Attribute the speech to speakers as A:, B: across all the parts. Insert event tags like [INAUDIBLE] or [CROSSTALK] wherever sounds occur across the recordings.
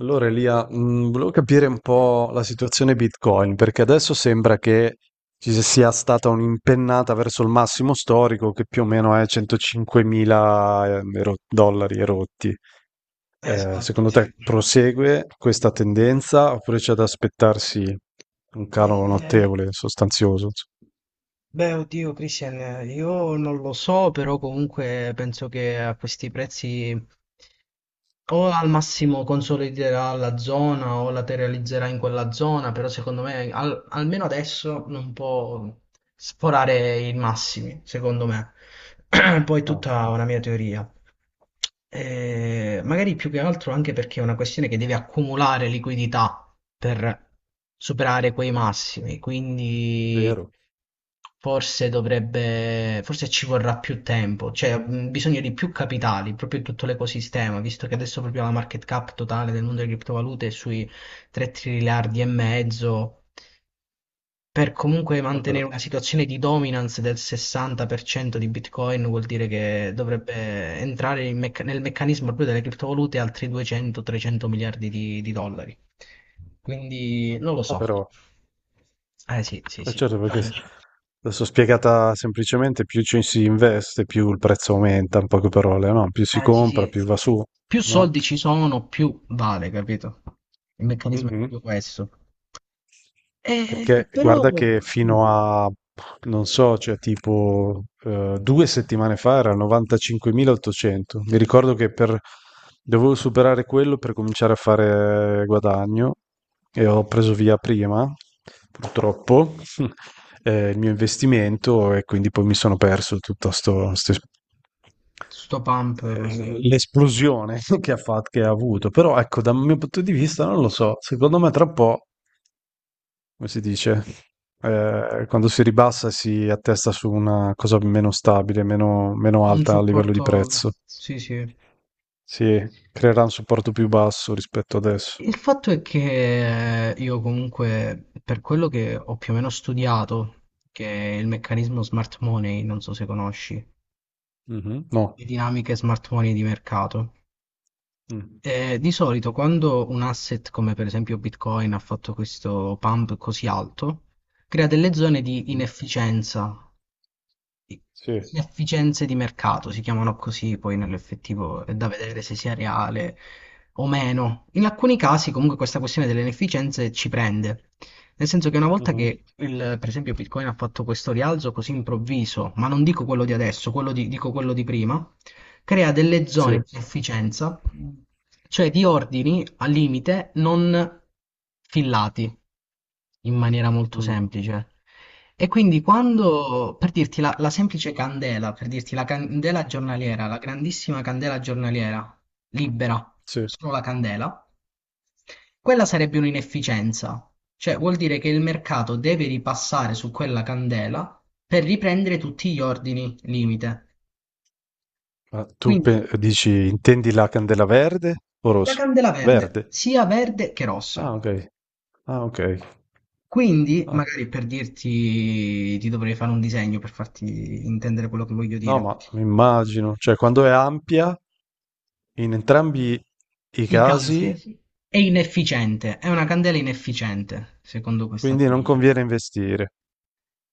A: Allora, Elia, volevo capire un po' la situazione Bitcoin, perché adesso sembra che ci sia stata un'impennata verso il massimo storico, che più o meno è 105.000 dollari erotti.
B: Esatto,
A: Secondo te
B: sì.
A: prosegue questa tendenza oppure c'è da aspettarsi un calo
B: Eh,
A: notevole, sostanzioso, insomma?
B: beh, oddio, Christian, io non lo so, però comunque penso che a questi prezzi o al massimo consoliderà la zona o la realizzerà in quella zona, però secondo me almeno adesso non può sforare i massimi, secondo me. [CLEARS THROAT] Poi
A: Ah,
B: tutta una mia teoria. Magari più che altro anche perché è una questione che deve accumulare liquidità per superare quei massimi, quindi
A: vero.
B: forse dovrebbe, forse ci vorrà più tempo, cioè bisogno di più capitali, proprio in tutto l'ecosistema, visto che adesso proprio la market cap totale del mondo delle criptovalute è sui 3 triliardi e mezzo per comunque
A: Ah,
B: mantenere
A: però.
B: una situazione di dominance del 60% di Bitcoin, vuol dire che dovrebbe entrare in nel meccanismo proprio delle criptovalute altri 200-300 miliardi di dollari. Quindi non lo
A: Ah,
B: so.
A: però.
B: Eh sì, sì,
A: Eh
B: sì.
A: certo, perché adesso spiegata semplicemente, più ci si investe, più il prezzo aumenta, in poche parole, no? Più si
B: Eh sì,
A: compra,
B: sì.
A: più va su,
B: Più
A: no?
B: soldi ci sono, più vale, capito? Il meccanismo è
A: Mhm.
B: più questo.
A: Perché
B: Però
A: guarda che
B: mm,
A: fino a, non so, cioè tipo 2 settimane fa era 95.800. Mi ricordo che per, dovevo superare quello per cominciare a fare guadagno e ho preso via prima, purtroppo, [LAUGHS] il mio investimento e quindi poi mi sono perso tutto
B: sto pump così.
A: l'esplosione [LAUGHS] che ha fatto, che ha avuto. Però ecco, dal mio punto di vista, non lo so, secondo me tra un po' come si dice, quando si ribassa si attesta su una cosa meno stabile, meno, meno
B: Un
A: alta a livello di
B: supporto,
A: prezzo.
B: sì, sì.
A: Si creerà un supporto più basso rispetto adesso.
B: Il fatto è che io comunque, per quello che ho più o meno studiato, che è il meccanismo smart money, non so se conosci, le
A: Mhm. No.
B: dinamiche smart money di mercato,
A: Mm.
B: di solito quando un asset come per esempio Bitcoin ha fatto questo pump così alto, crea delle zone di
A: Mhm.
B: inefficienza, i-
A: Sì.
B: inefficienze di mercato, si chiamano così, poi nell'effettivo è da vedere se sia reale o meno. In alcuni casi comunque questa questione delle inefficienze ci prende. Nel senso che una volta
A: Mhm.
B: che per esempio Bitcoin ha fatto questo rialzo così improvviso, ma non dico quello di adesso, quello dico quello di prima, crea delle zone
A: Sì.
B: di sufficienza, cioè di ordini al limite non fillati in maniera molto
A: Mm.
B: semplice. E quindi quando, per dirti la semplice candela, per dirti la candela giornaliera, la grandissima candela giornaliera, libera,
A: Sì.
B: solo la candela, quella sarebbe un'inefficienza, cioè vuol dire che il mercato deve ripassare su quella candela per riprendere tutti gli ordini limite.
A: Ma tu
B: Quindi
A: dici, intendi la candela verde o
B: la
A: rosa?
B: candela
A: Verde.
B: verde, sia verde che rossa.
A: Ah, ok. Ah, ok.
B: Quindi,
A: Ah.
B: magari per dirti, ti dovrei fare un disegno per farti intendere quello che voglio
A: No,
B: dire.
A: ma mi immagino, cioè quando è ampia, in entrambi i
B: I
A: casi.
B: casi è inefficiente, è una candela inefficiente, secondo questa
A: Quindi non
B: teoria.
A: conviene investire.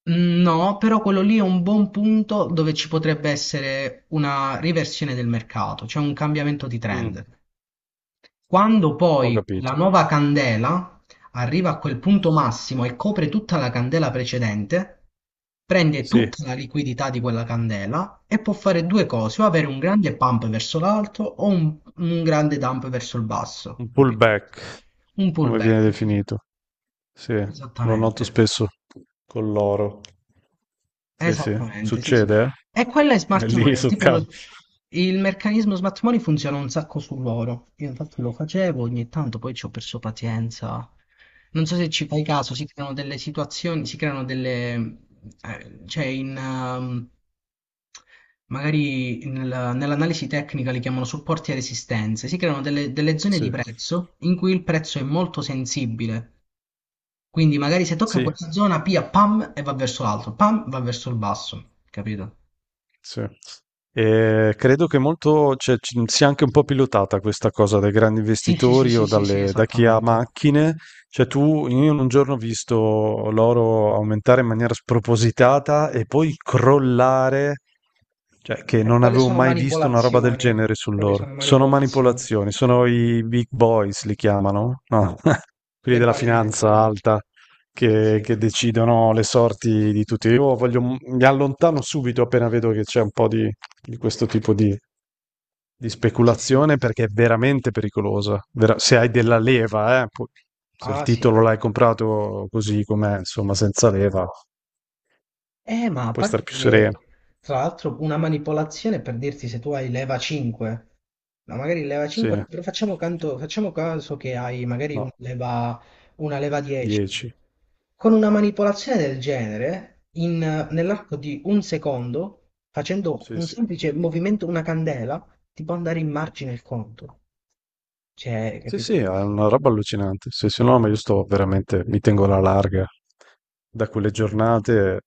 B: Mm, no, però quello lì è un buon punto dove ci potrebbe essere una riversione del mercato, cioè un cambiamento di
A: Mm,
B: trend. Quando
A: ho
B: poi la
A: capito.
B: nuova candela arriva a quel punto massimo e copre tutta la candela precedente, prende
A: Sì,
B: tutta la liquidità di quella candela e può fare due cose, o avere un grande pump verso l'alto o un grande dump verso il basso,
A: un
B: capito?
A: pullback,
B: Un
A: come viene
B: pullback, sì, sì,
A: definito. Sì, lo noto
B: esattamente.
A: spesso con l'oro. Sì, sì,
B: Esattamente, sì, sì.
A: succede,
B: E quella è
A: eh? È
B: smart
A: lì
B: money,
A: sul
B: tipo
A: caso.
B: il meccanismo smart money funziona un sacco su loro. Io infatti lo facevo ogni tanto, poi ci ho perso pazienza. Non so se ci fai caso, si creano delle situazioni, si creano delle, cioè magari nell'analisi tecnica li chiamano supporti e resistenze, si creano delle zone
A: Sì,
B: di prezzo in cui il prezzo è molto sensibile, quindi magari se tocca
A: sì.
B: quella zona, pam, e va verso l'alto, pam, va verso il basso, capito?
A: Sì. E credo che molto, cioè, sia anche un po' pilotata questa cosa dai grandi
B: Sì, sì, sì,
A: investitori
B: sì,
A: o
B: sì, sì,
A: da chi ha
B: esattamente.
A: macchine. Cioè, tu, io in un giorno ho visto l'oro aumentare in maniera spropositata e poi crollare, cioè, che non
B: Quelle
A: avevo
B: sono
A: mai visto una roba del
B: manipolazioni,
A: genere
B: quelle
A: sull'oro.
B: sono
A: Sono
B: manipolazioni.
A: manipolazioni, sono i big boys, li chiamano, no? [LAUGHS] Quelli
B: Le
A: della
B: balene,
A: finanza
B: sì,
A: alta
B: sì,
A: che,
B: sì,
A: che decidono le sorti di tutti. Io voglio, mi allontano subito appena vedo che c'è un po' di, questo tipo di,
B: sì, sì.
A: speculazione perché è veramente pericolosa. Se hai della leva, se il
B: Ah, sì.
A: titolo l'hai comprato così com'è, insomma, senza leva,
B: Ma a
A: puoi stare
B: parte
A: più
B: che,
A: sereno.
B: tra l'altro, una manipolazione per dirti se tu hai leva 5, ma magari leva
A: Sì,
B: 5, però facciamo, facciamo caso che hai magari
A: no,
B: una leva 10.
A: 10.
B: Con una manipolazione del genere, nell'arco di un secondo, facendo
A: Sì,
B: un
A: sì.
B: semplice movimento, una candela, ti può andare in margine il conto. Cioè,
A: Sì,
B: capito?
A: sì, è una roba allucinante. Se no, ma io sto veramente, mi tengo alla larga da quelle giornate.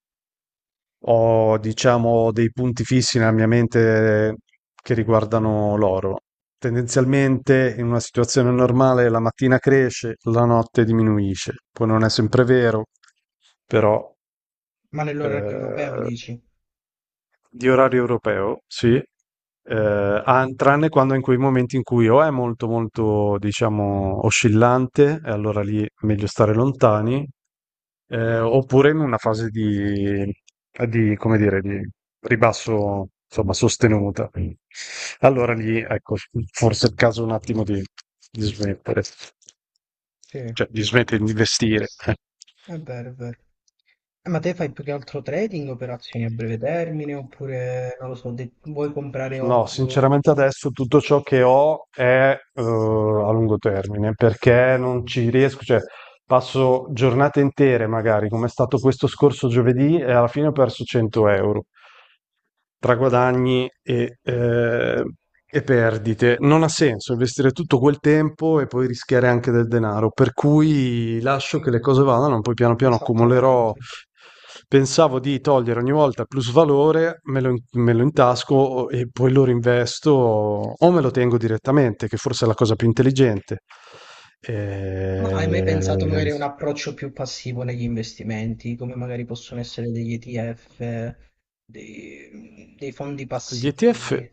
A: Ho, diciamo, dei punti fissi nella mia mente che riguardano l'oro. Tendenzialmente, in una situazione normale, la mattina cresce, la notte diminuisce. Poi non è sempre vero, però
B: Ma nell'orario europeo
A: eh,
B: dici?
A: di orario europeo, sì, ah, tranne quando in quei momenti in cui o è molto molto diciamo oscillante e allora lì è meglio stare lontani, oppure in una fase di, come dire, di ribasso, insomma, sostenuta. Allora lì, ecco, forse è il caso un attimo di smettere,
B: Sì.
A: cioè di smettere di investire.
B: È vero, è vero. Ma te fai più che altro trading, operazioni a breve termine, oppure, non lo so, vuoi comprare oro?
A: No, sinceramente adesso tutto ciò che ho è a lungo termine perché non ci riesco, cioè passo giornate intere magari, come è stato questo scorso giovedì, e alla fine ho perso 100 euro. Tra guadagni e perdite. Non ha senso investire tutto quel tempo e poi rischiare anche del denaro, per cui lascio che le cose vadano, poi piano piano accumulerò.
B: Esattamente.
A: Pensavo di togliere ogni volta plus valore, me lo intasco e poi lo rinvesto o me lo tengo direttamente, che forse è la cosa più intelligente.
B: Ma hai mai pensato
A: Eh,
B: magari a un approccio più passivo negli investimenti, come magari possono essere degli ETF, dei fondi
A: Gli ETF,
B: passivi?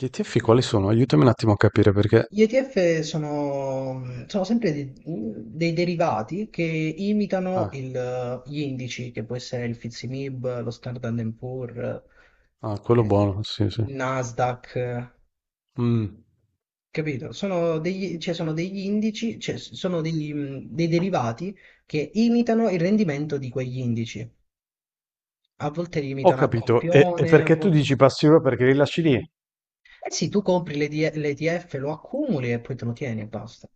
A: gli ETF quali sono? Aiutami un attimo a capire perché.
B: Gli ETF sono sempre dei derivati che imitano
A: Ah,
B: gli indici, che può essere il FTSE/MIB, lo Standard and Poor's,
A: ah, quello
B: eh,
A: buono, sì, sì.
B: il Nasdaq,
A: Mh,
B: capito? Sono degli, cioè, sono degli indici, cioè, sono degli, dei derivati che imitano il rendimento di quegli indici. A volte li
A: ho
B: imitano a
A: capito. E
B: campione, a
A: perché tu
B: volte...
A: dici passi ora perché li lasci lì?
B: Eh sì, tu compri l'ETF, lo accumuli e poi te lo tieni e basta.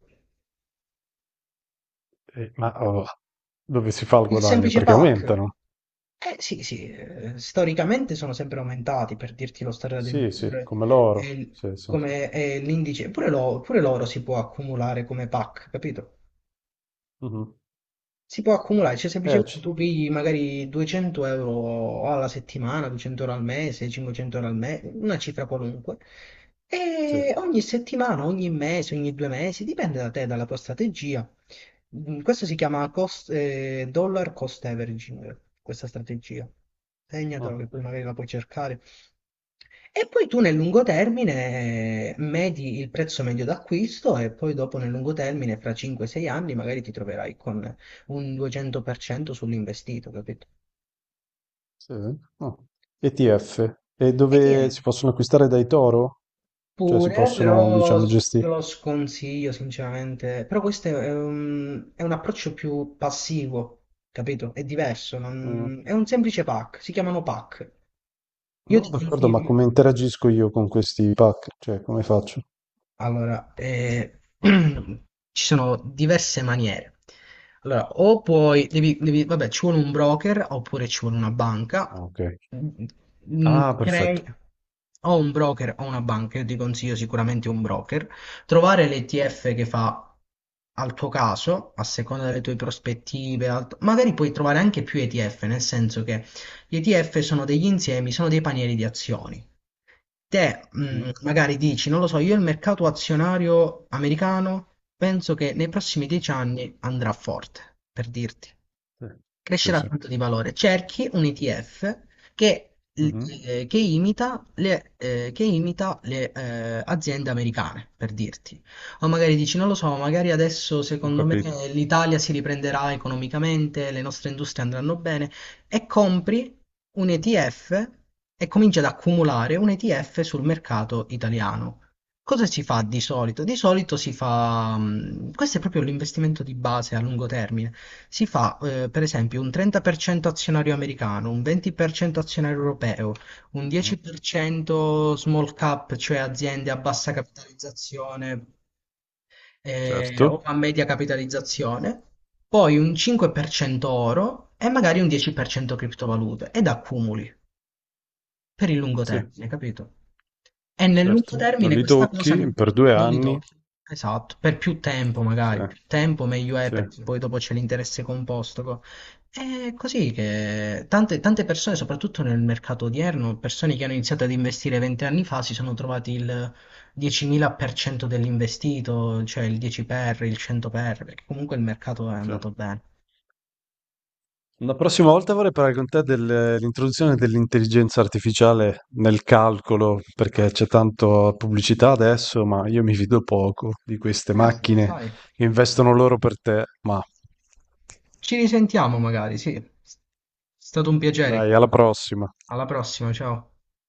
A: Ma oh, dove si fa il
B: Il
A: guadagno?
B: semplice
A: Perché
B: pack.
A: aumentano.
B: Eh sì, sì, storicamente sono sempre aumentati, per dirti lo standard del
A: Sì, sì,
B: valore
A: come
B: e
A: l'oro. Sì, sì, sì.
B: come è l'indice, pure, pure l'oro si può accumulare come PAC, capito?
A: Mh-mh.
B: Si può accumulare, cioè semplicemente
A: C
B: tu pigli magari 200 euro alla settimana, 200 euro al mese, 500 euro al mese, una cifra qualunque,
A: sì.
B: e ogni settimana, ogni mese, ogni 2 mesi, dipende da te, dalla tua strategia. Questo si chiama dollar cost averaging, questa strategia. Segnatelo
A: Ah,
B: che poi magari la puoi cercare. E poi tu nel lungo termine medi il prezzo medio d'acquisto e poi dopo nel lungo termine, fra 5-6 anni, magari ti troverai con un 200% sull'investito, capito?
A: sì? Ah. ETF. E
B: E ti è.
A: dove si possono acquistare dai toro? Cioè si
B: Pure,
A: possono,
B: però
A: diciamo, gesti
B: te lo sconsiglio sinceramente. Però questo è un approccio più passivo, capito? È diverso,
A: mh,
B: è un semplice pack, si chiamano pack. Io
A: no,
B: ti
A: d'accordo, ma
B: consiglio.
A: come interagisco io con questi pack? Cioè come faccio?
B: Allora, [CLEARS THROAT] ci sono diverse maniere. Allora, o puoi, vabbè, ci vuole un broker oppure ci vuole una banca.
A: Ah, okay. Ah, perfetto.
B: Crei o un broker o una banca, io ti consiglio sicuramente un broker. Trovare l'ETF che fa al tuo caso, a seconda delle tue prospettive, magari puoi trovare anche più ETF, nel senso che gli ETF sono degli insiemi, sono dei panieri di azioni, te
A: Mh-mh.
B: magari dici, non lo so, io il mercato azionario americano penso che nei prossimi 10 anni andrà forte, per dirti
A: Sì. Sì,
B: crescerà
A: sì.
B: tanto di valore. Cerchi un ETF
A: Mh-mh.
B: che imita le aziende americane, per dirti. O magari dici, non lo so, magari adesso
A: Ho
B: secondo me
A: capito.
B: l'Italia si riprenderà economicamente, le nostre industrie andranno bene, e compri un ETF e cominci ad accumulare un ETF sul mercato italiano. Cosa si fa di solito? Di solito si fa, questo è proprio l'investimento di base a lungo termine, si fa per esempio un 30% azionario americano, un 20% azionario europeo, un
A: Mh-mh.
B: 10% small cap, cioè aziende a bassa capitalizzazione
A: Certo,
B: o a media capitalizzazione, poi un 5% oro e magari un 10% criptovalute ed accumuli per il lungo
A: sì,
B: termine, capito? E nel lungo
A: certo. Non
B: termine
A: li
B: questa cosa no,
A: tocchi per due
B: non li
A: anni.
B: tocchi. Esatto, per più tempo
A: Sì,
B: magari, più tempo meglio è
A: sì,
B: perché poi dopo c'è l'interesse composto. È così che tante, tante persone, soprattutto nel mercato odierno, persone che hanno iniziato ad investire 20 anni fa si sono trovati il 10.000% dell'investito, cioè il 10 per, il 100 per, perché comunque il mercato è andato
A: sì.
B: bene.
A: La prossima volta vorrei parlare con te dell'introduzione dell'intelligenza artificiale nel calcolo, perché c'è tanto pubblicità adesso, ma io mi fido poco di queste
B: Ah, vabbè,
A: macchine
B: sai,
A: che investono loro per te. Ma
B: ci risentiamo magari, sì. È stato un piacere.
A: dai, alla prossima.
B: Alla prossima, ciao.